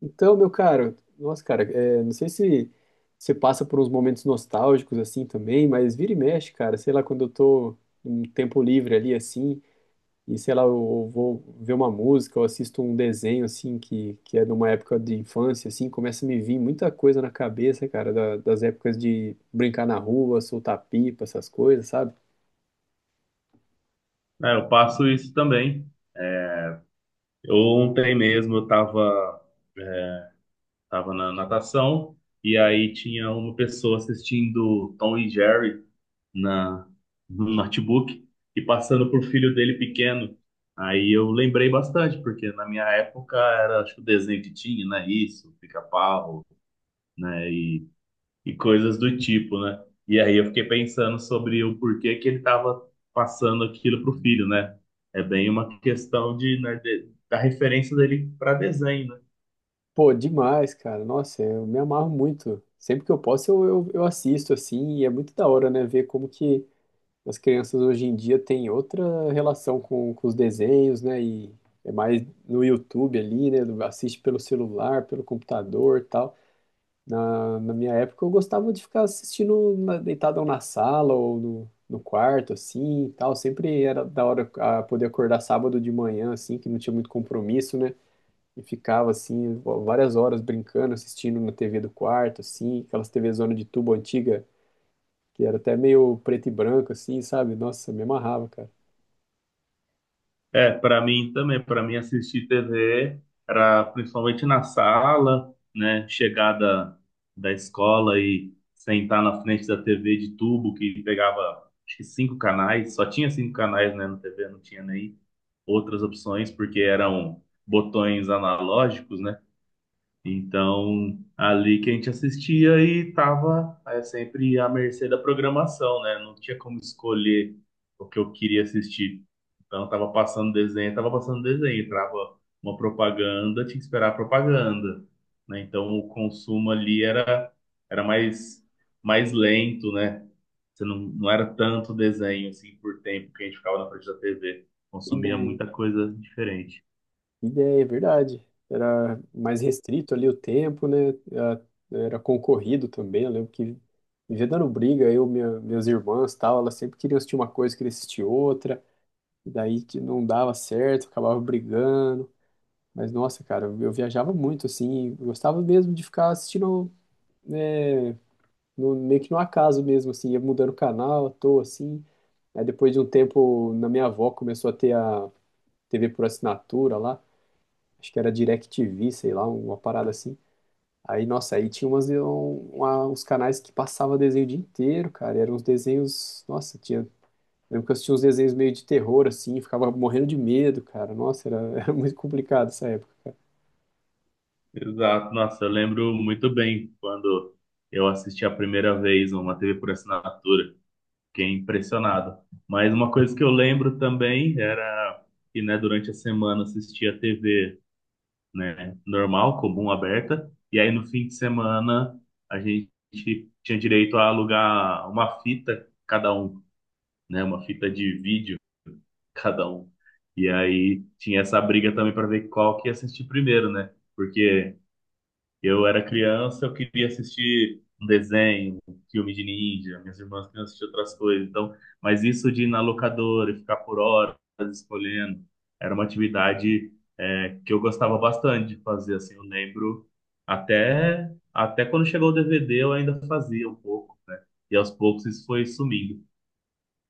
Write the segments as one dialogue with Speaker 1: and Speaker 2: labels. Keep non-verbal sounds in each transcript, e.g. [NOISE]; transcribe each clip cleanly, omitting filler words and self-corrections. Speaker 1: Então, meu caro, nossa, cara, é, não sei se você passa por uns momentos nostálgicos assim também, mas vira e mexe, cara, sei lá, quando eu tô um tempo livre ali assim, e sei lá, eu vou ver uma música, eu assisto um desenho assim que é de uma época de infância assim, começa a me vir muita coisa na cabeça, cara, das épocas de brincar na rua, soltar pipa, essas coisas, sabe?
Speaker 2: É, eu passo isso também. É, Eu, ontem mesmo eu estava tava na natação e aí tinha uma pessoa assistindo Tom e Jerry na, no notebook e passando por filho dele pequeno. Aí eu lembrei bastante, porque na minha época era, acho que o desenho que tinha, né? Isso, Pica-Pau, né? E coisas do tipo, né? E aí eu fiquei pensando sobre o porquê que ele estava passando aquilo pro filho, né? É bem uma questão de, né, da referência dele para desenho, né?
Speaker 1: Pô, demais, cara. Nossa, eu me amarro muito. Sempre que eu posso, eu assisto, assim, e é muito da hora, né? Ver como que as crianças hoje em dia têm outra relação com os desenhos, né? E é mais no YouTube ali, né? Assiste pelo celular, pelo computador e tal. Na minha época eu gostava de ficar assistindo na, deitado na sala ou no quarto, assim, e tal. Sempre era da hora a poder acordar sábado de manhã, assim, que não tinha muito compromisso, né? E ficava, assim, várias horas brincando, assistindo na TV do quarto, assim, aquelas TV zona de tubo antiga que era até meio preto e branco, assim, sabe? Nossa, me amarrava, cara.
Speaker 2: É, para mim também, para mim assistir TV era principalmente na sala, né? Chegada da da escola e sentar na frente da TV de tubo que pegava acho que 5 canais, só tinha cinco canais, né, na TV, não tinha nem outras opções porque eram botões analógicos, né? Então, ali que a gente assistia e tava sempre à mercê da programação, né? Não tinha como escolher o que eu queria assistir. Então, tava passando desenho, entrava uma propaganda, tinha que esperar a propaganda, né? Então, o consumo ali era mais lento, né? Você não, não era tanto desenho, assim, por tempo que a gente ficava na frente da TV. Consumia
Speaker 1: Ideia.
Speaker 2: muita coisa diferente.
Speaker 1: Ideia, é verdade. Era mais restrito ali o tempo, né? Era Era concorrido também. Eu lembro que vivia dando briga, eu, minhas irmãs, tal, elas sempre queriam assistir uma coisa, queriam assistir outra. E daí que não dava certo, acabava brigando. Mas nossa, cara, eu viajava muito assim, gostava mesmo de ficar assistindo, né, meio que no acaso mesmo, assim, ia mudando o canal, à toa, assim. Aí depois de um tempo, na minha avó começou a ter a TV por assinatura lá, acho que era DirecTV, sei lá, uma parada assim. Aí, nossa, aí tinha umas, uns canais que passava desenho o dia inteiro, cara, e eram uns desenhos, nossa, tinha, lembro que eu assistia uns desenhos meio de terror, assim, ficava morrendo de medo, cara, nossa, era, [LAUGHS] era muito complicado essa época.
Speaker 2: Exato. Nossa, eu lembro muito bem quando eu assisti a primeira vez uma TV por assinatura. Fiquei impressionado. Mas uma coisa que eu lembro também era que, né, durante a semana eu assistia TV, né, normal, comum, aberta. E aí no fim de semana a gente tinha direito a alugar uma fita cada um, né, uma fita de vídeo [LAUGHS] cada um. E aí tinha essa briga também para ver qual que ia assistir primeiro, né? Porque eu era criança, eu queria assistir um desenho, um filme de ninja, minhas irmãs queriam assistir outras coisas. Então, mas isso de ir na locadora e ficar por horas escolhendo, era uma atividade que eu gostava bastante de fazer. Assim, eu lembro até quando chegou o DVD eu ainda fazia um pouco, né? E aos poucos isso foi sumindo.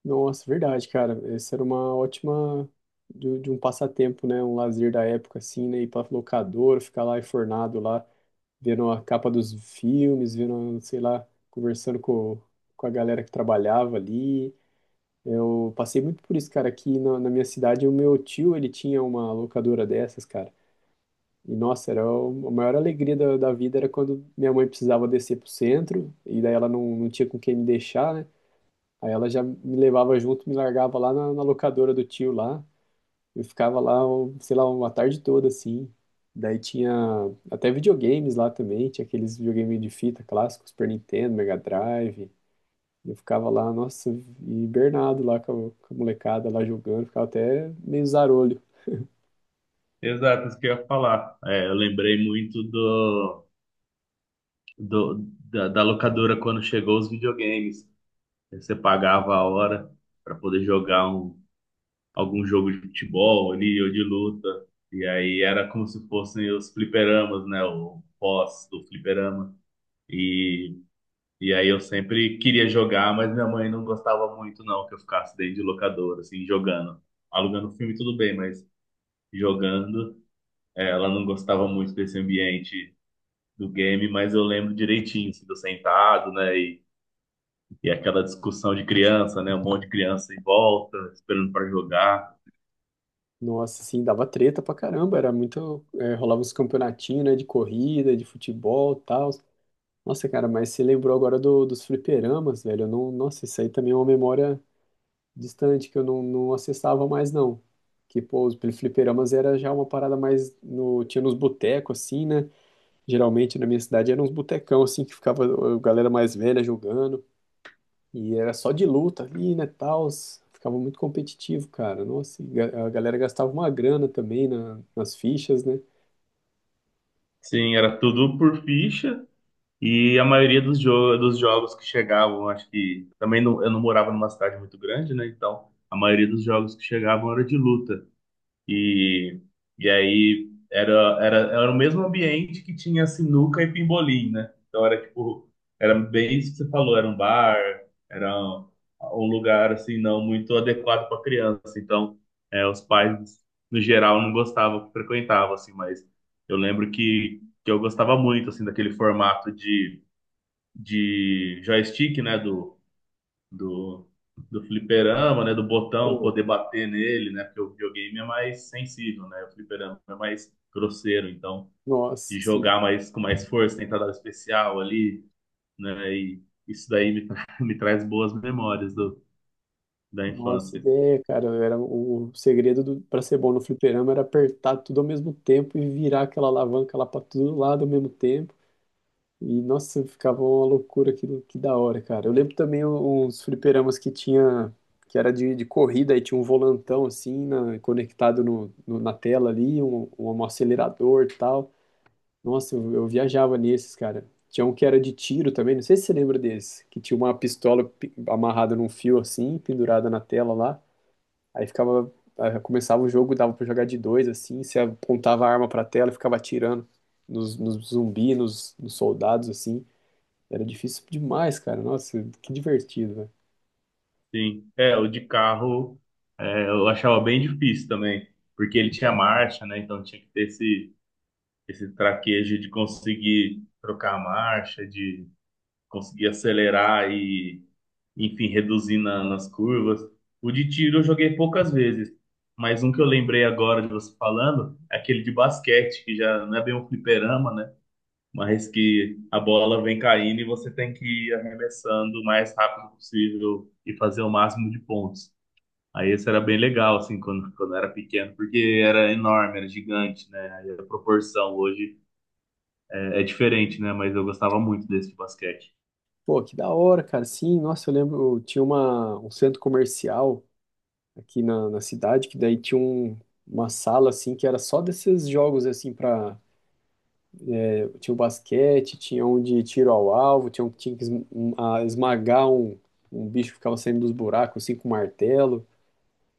Speaker 1: Nossa, verdade, cara. Essa era uma ótima de um passatempo, né? Um lazer da época, assim, né? Ir pra locadora, ficar lá enfornado lá, vendo a capa dos filmes, vendo, sei lá, conversando com a galera que trabalhava ali. Eu passei muito por isso, cara. Aqui na, na minha cidade, o meu tio, ele tinha uma locadora dessas, cara. E, nossa, era a maior alegria da, da vida era quando minha mãe precisava descer pro centro, e daí ela não tinha com quem me deixar, né? Aí ela já me levava junto, me largava lá na, na locadora do tio lá. Eu ficava lá, sei lá, uma tarde toda assim. Daí tinha até videogames lá também, tinha aqueles videogames de fita clássicos, Super Nintendo, Mega Drive. Eu ficava lá, nossa, hibernado lá com a molecada lá jogando, ficava até meio zarolho.
Speaker 2: Exato, isso que eu ia falar. É, eu lembrei muito da locadora quando chegou os videogames. Você pagava a hora para poder jogar algum jogo de futebol ali ou de luta. E aí era como se fossem os fliperamas, né? O pós do fliperama. E, e aí eu sempre queria jogar, mas minha mãe não gostava muito, não, que eu ficasse dentro de locadora, assim, jogando. Alugando filme, tudo bem, mas jogando, ela não gostava muito desse ambiente do game, mas eu lembro direitinho, assim, do sentado, né? E aquela discussão de criança, né? Um monte de criança em volta, esperando para jogar.
Speaker 1: Nossa, assim, dava treta pra caramba, era muito. É, rolava uns campeonatinhos, né, de corrida, de futebol e tal. Nossa, cara, mas você lembrou agora do, dos fliperamas, velho? Eu não, nossa, isso aí também é uma memória distante que eu não, não acessava mais, não. Que, pô, os fliperamas era já uma parada mais no, tinha nos botecos, assim, né? Geralmente na minha cidade eram uns botecão, assim, que ficava a galera mais velha jogando. E era só de luta ali, né, tals. Ficava muito competitivo, cara. Nossa, e a galera gastava uma grana também na, nas fichas, né?
Speaker 2: Sim, era tudo por ficha. E a maioria dos jogos que chegavam, acho que também não, eu não morava numa cidade muito grande, né? Então a maioria dos jogos que chegavam era de luta. E, e aí era o mesmo ambiente que tinha sinuca e pimbolim, né? Então era tipo, era bem isso que você falou, era um bar, era um lugar assim não muito adequado para criança. Então, é, os pais no geral não gostavam que frequentavam assim, mas eu lembro que eu gostava muito assim daquele formato de joystick, né, do, do fliperama, né? Do botão
Speaker 1: Pô,
Speaker 2: poder bater nele, né? Porque o videogame é mais sensível, né? O fliperama é mais grosseiro, então
Speaker 1: nossa,
Speaker 2: de
Speaker 1: sim.
Speaker 2: jogar mais com mais força, tentar dar o especial ali, né? E isso daí [LAUGHS] me traz boas memórias do, da
Speaker 1: Nossa,
Speaker 2: infância.
Speaker 1: é cara, era o segredo do, para ser bom no fliperama era apertar tudo ao mesmo tempo e virar aquela alavanca lá para todo lado ao mesmo tempo. E, nossa, ficava uma loucura aquilo, que da hora, cara. Eu lembro também uns fliperamas que tinha, que era de corrida, e tinha um volantão, assim, conectado na tela ali, acelerador e tal. Nossa, eu viajava nesses, cara. Tinha um que era de tiro também, não sei se você lembra desse, que tinha uma pistola amarrada num fio, assim, pendurada na tela lá. Aí ficava, aí começava o jogo, dava pra jogar de dois, assim, você apontava a arma pra tela e ficava atirando nos, nos zumbis, nos, nos soldados, assim. Era difícil demais, cara. Nossa, que divertido, velho.
Speaker 2: Sim, é, o de carro é, eu achava bem difícil também, porque ele tinha marcha, né? Então tinha que ter esse traquejo de conseguir trocar a marcha, de conseguir acelerar e enfim, reduzir nas curvas. O de tiro eu joguei poucas vezes, mas um que eu lembrei agora de você falando é aquele de basquete, que já não é bem um fliperama, né? Mas que a bola vem caindo e você tem que ir arremessando o mais rápido possível e fazer o máximo de pontos. Aí esse era bem legal, assim, quando eu era pequeno, porque era enorme, era gigante, né? Aí a proporção hoje é diferente, né? Mas eu gostava muito desse de basquete.
Speaker 1: Pô, que da hora, cara. Sim, nossa, eu lembro, eu tinha uma, um centro comercial aqui na, na cidade, que daí tinha um, uma sala, assim, que era só desses jogos, assim, pra... Tinha o basquete, tinha um de tiro ao alvo, tinha um que tinha que esmagar um, um bicho que ficava saindo dos buracos, assim, com martelo.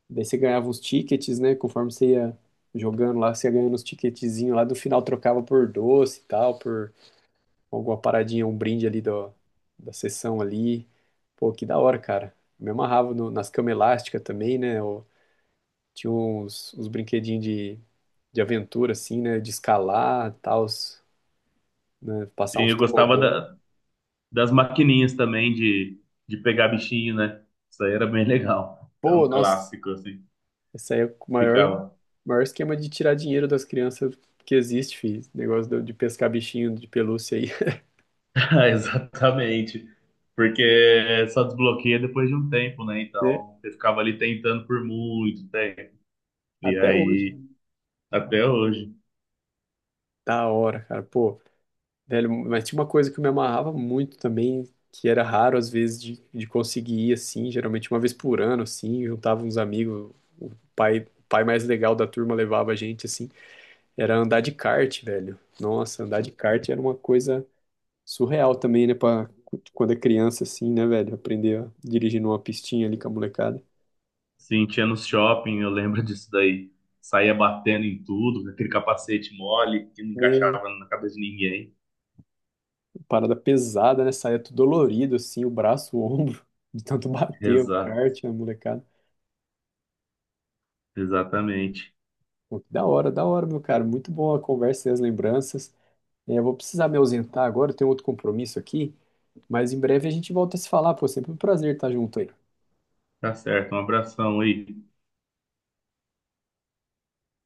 Speaker 1: Daí você ganhava uns tickets, né, conforme você ia jogando lá, você ia ganhando uns ticketzinhos lá, do final trocava por doce e tal, por alguma paradinha, um brinde ali do, da sessão ali. Pô, que da hora, cara. Me amarrava nas camas elásticas também, né? Eu tinha uns, uns brinquedinhos de aventura, assim, né? De escalar, tal, né? Passar
Speaker 2: Sim,
Speaker 1: uns
Speaker 2: eu gostava
Speaker 1: tobogã.
Speaker 2: das maquininhas também de pegar bichinho, né? Isso aí era bem legal. Era
Speaker 1: Pô,
Speaker 2: um
Speaker 1: nossa,
Speaker 2: clássico, assim.
Speaker 1: esse aí é o maior,
Speaker 2: Ficava. [LAUGHS]
Speaker 1: maior esquema de tirar dinheiro das crianças que existe, filho. Esse negócio de pescar bichinho de pelúcia aí, [LAUGHS]
Speaker 2: Ah, exatamente. Porque só desbloqueia depois de um tempo, né?
Speaker 1: né?
Speaker 2: Então, você ficava ali tentando por muito tempo. E
Speaker 1: Até hoje.
Speaker 2: aí, até hoje.
Speaker 1: Da hora, cara. Pô. Velho, mas tinha uma coisa que eu me amarrava muito também, que era raro às vezes de conseguir ir assim, geralmente uma vez por ano, assim, juntava uns amigos, o o pai mais legal da turma levava a gente assim, era andar de kart, velho. Nossa, andar de kart era uma coisa surreal também, né, pra, quando é criança assim, né, velho, aprender a dirigir numa pistinha ali com a molecada.
Speaker 2: Sim, tinha no shopping, eu lembro [LAUGHS] disso daí. Saía batendo em tudo, com aquele capacete mole que não
Speaker 1: Né,
Speaker 2: encaixava na cabeça de ninguém.
Speaker 1: parada pesada, né, saía tudo dolorido assim, o braço, o ombro, [LAUGHS] de tanto bater o
Speaker 2: Exato,
Speaker 1: kart, a molecada.
Speaker 2: exatamente.
Speaker 1: Pô, que da hora, da hora, meu cara. Muito bom a conversa e as lembranças. É, eu vou precisar me ausentar agora, eu tenho outro compromisso aqui, mas em breve a gente volta a se falar, pô. Sempre um prazer estar junto aí.
Speaker 2: Tá certo, um abração aí.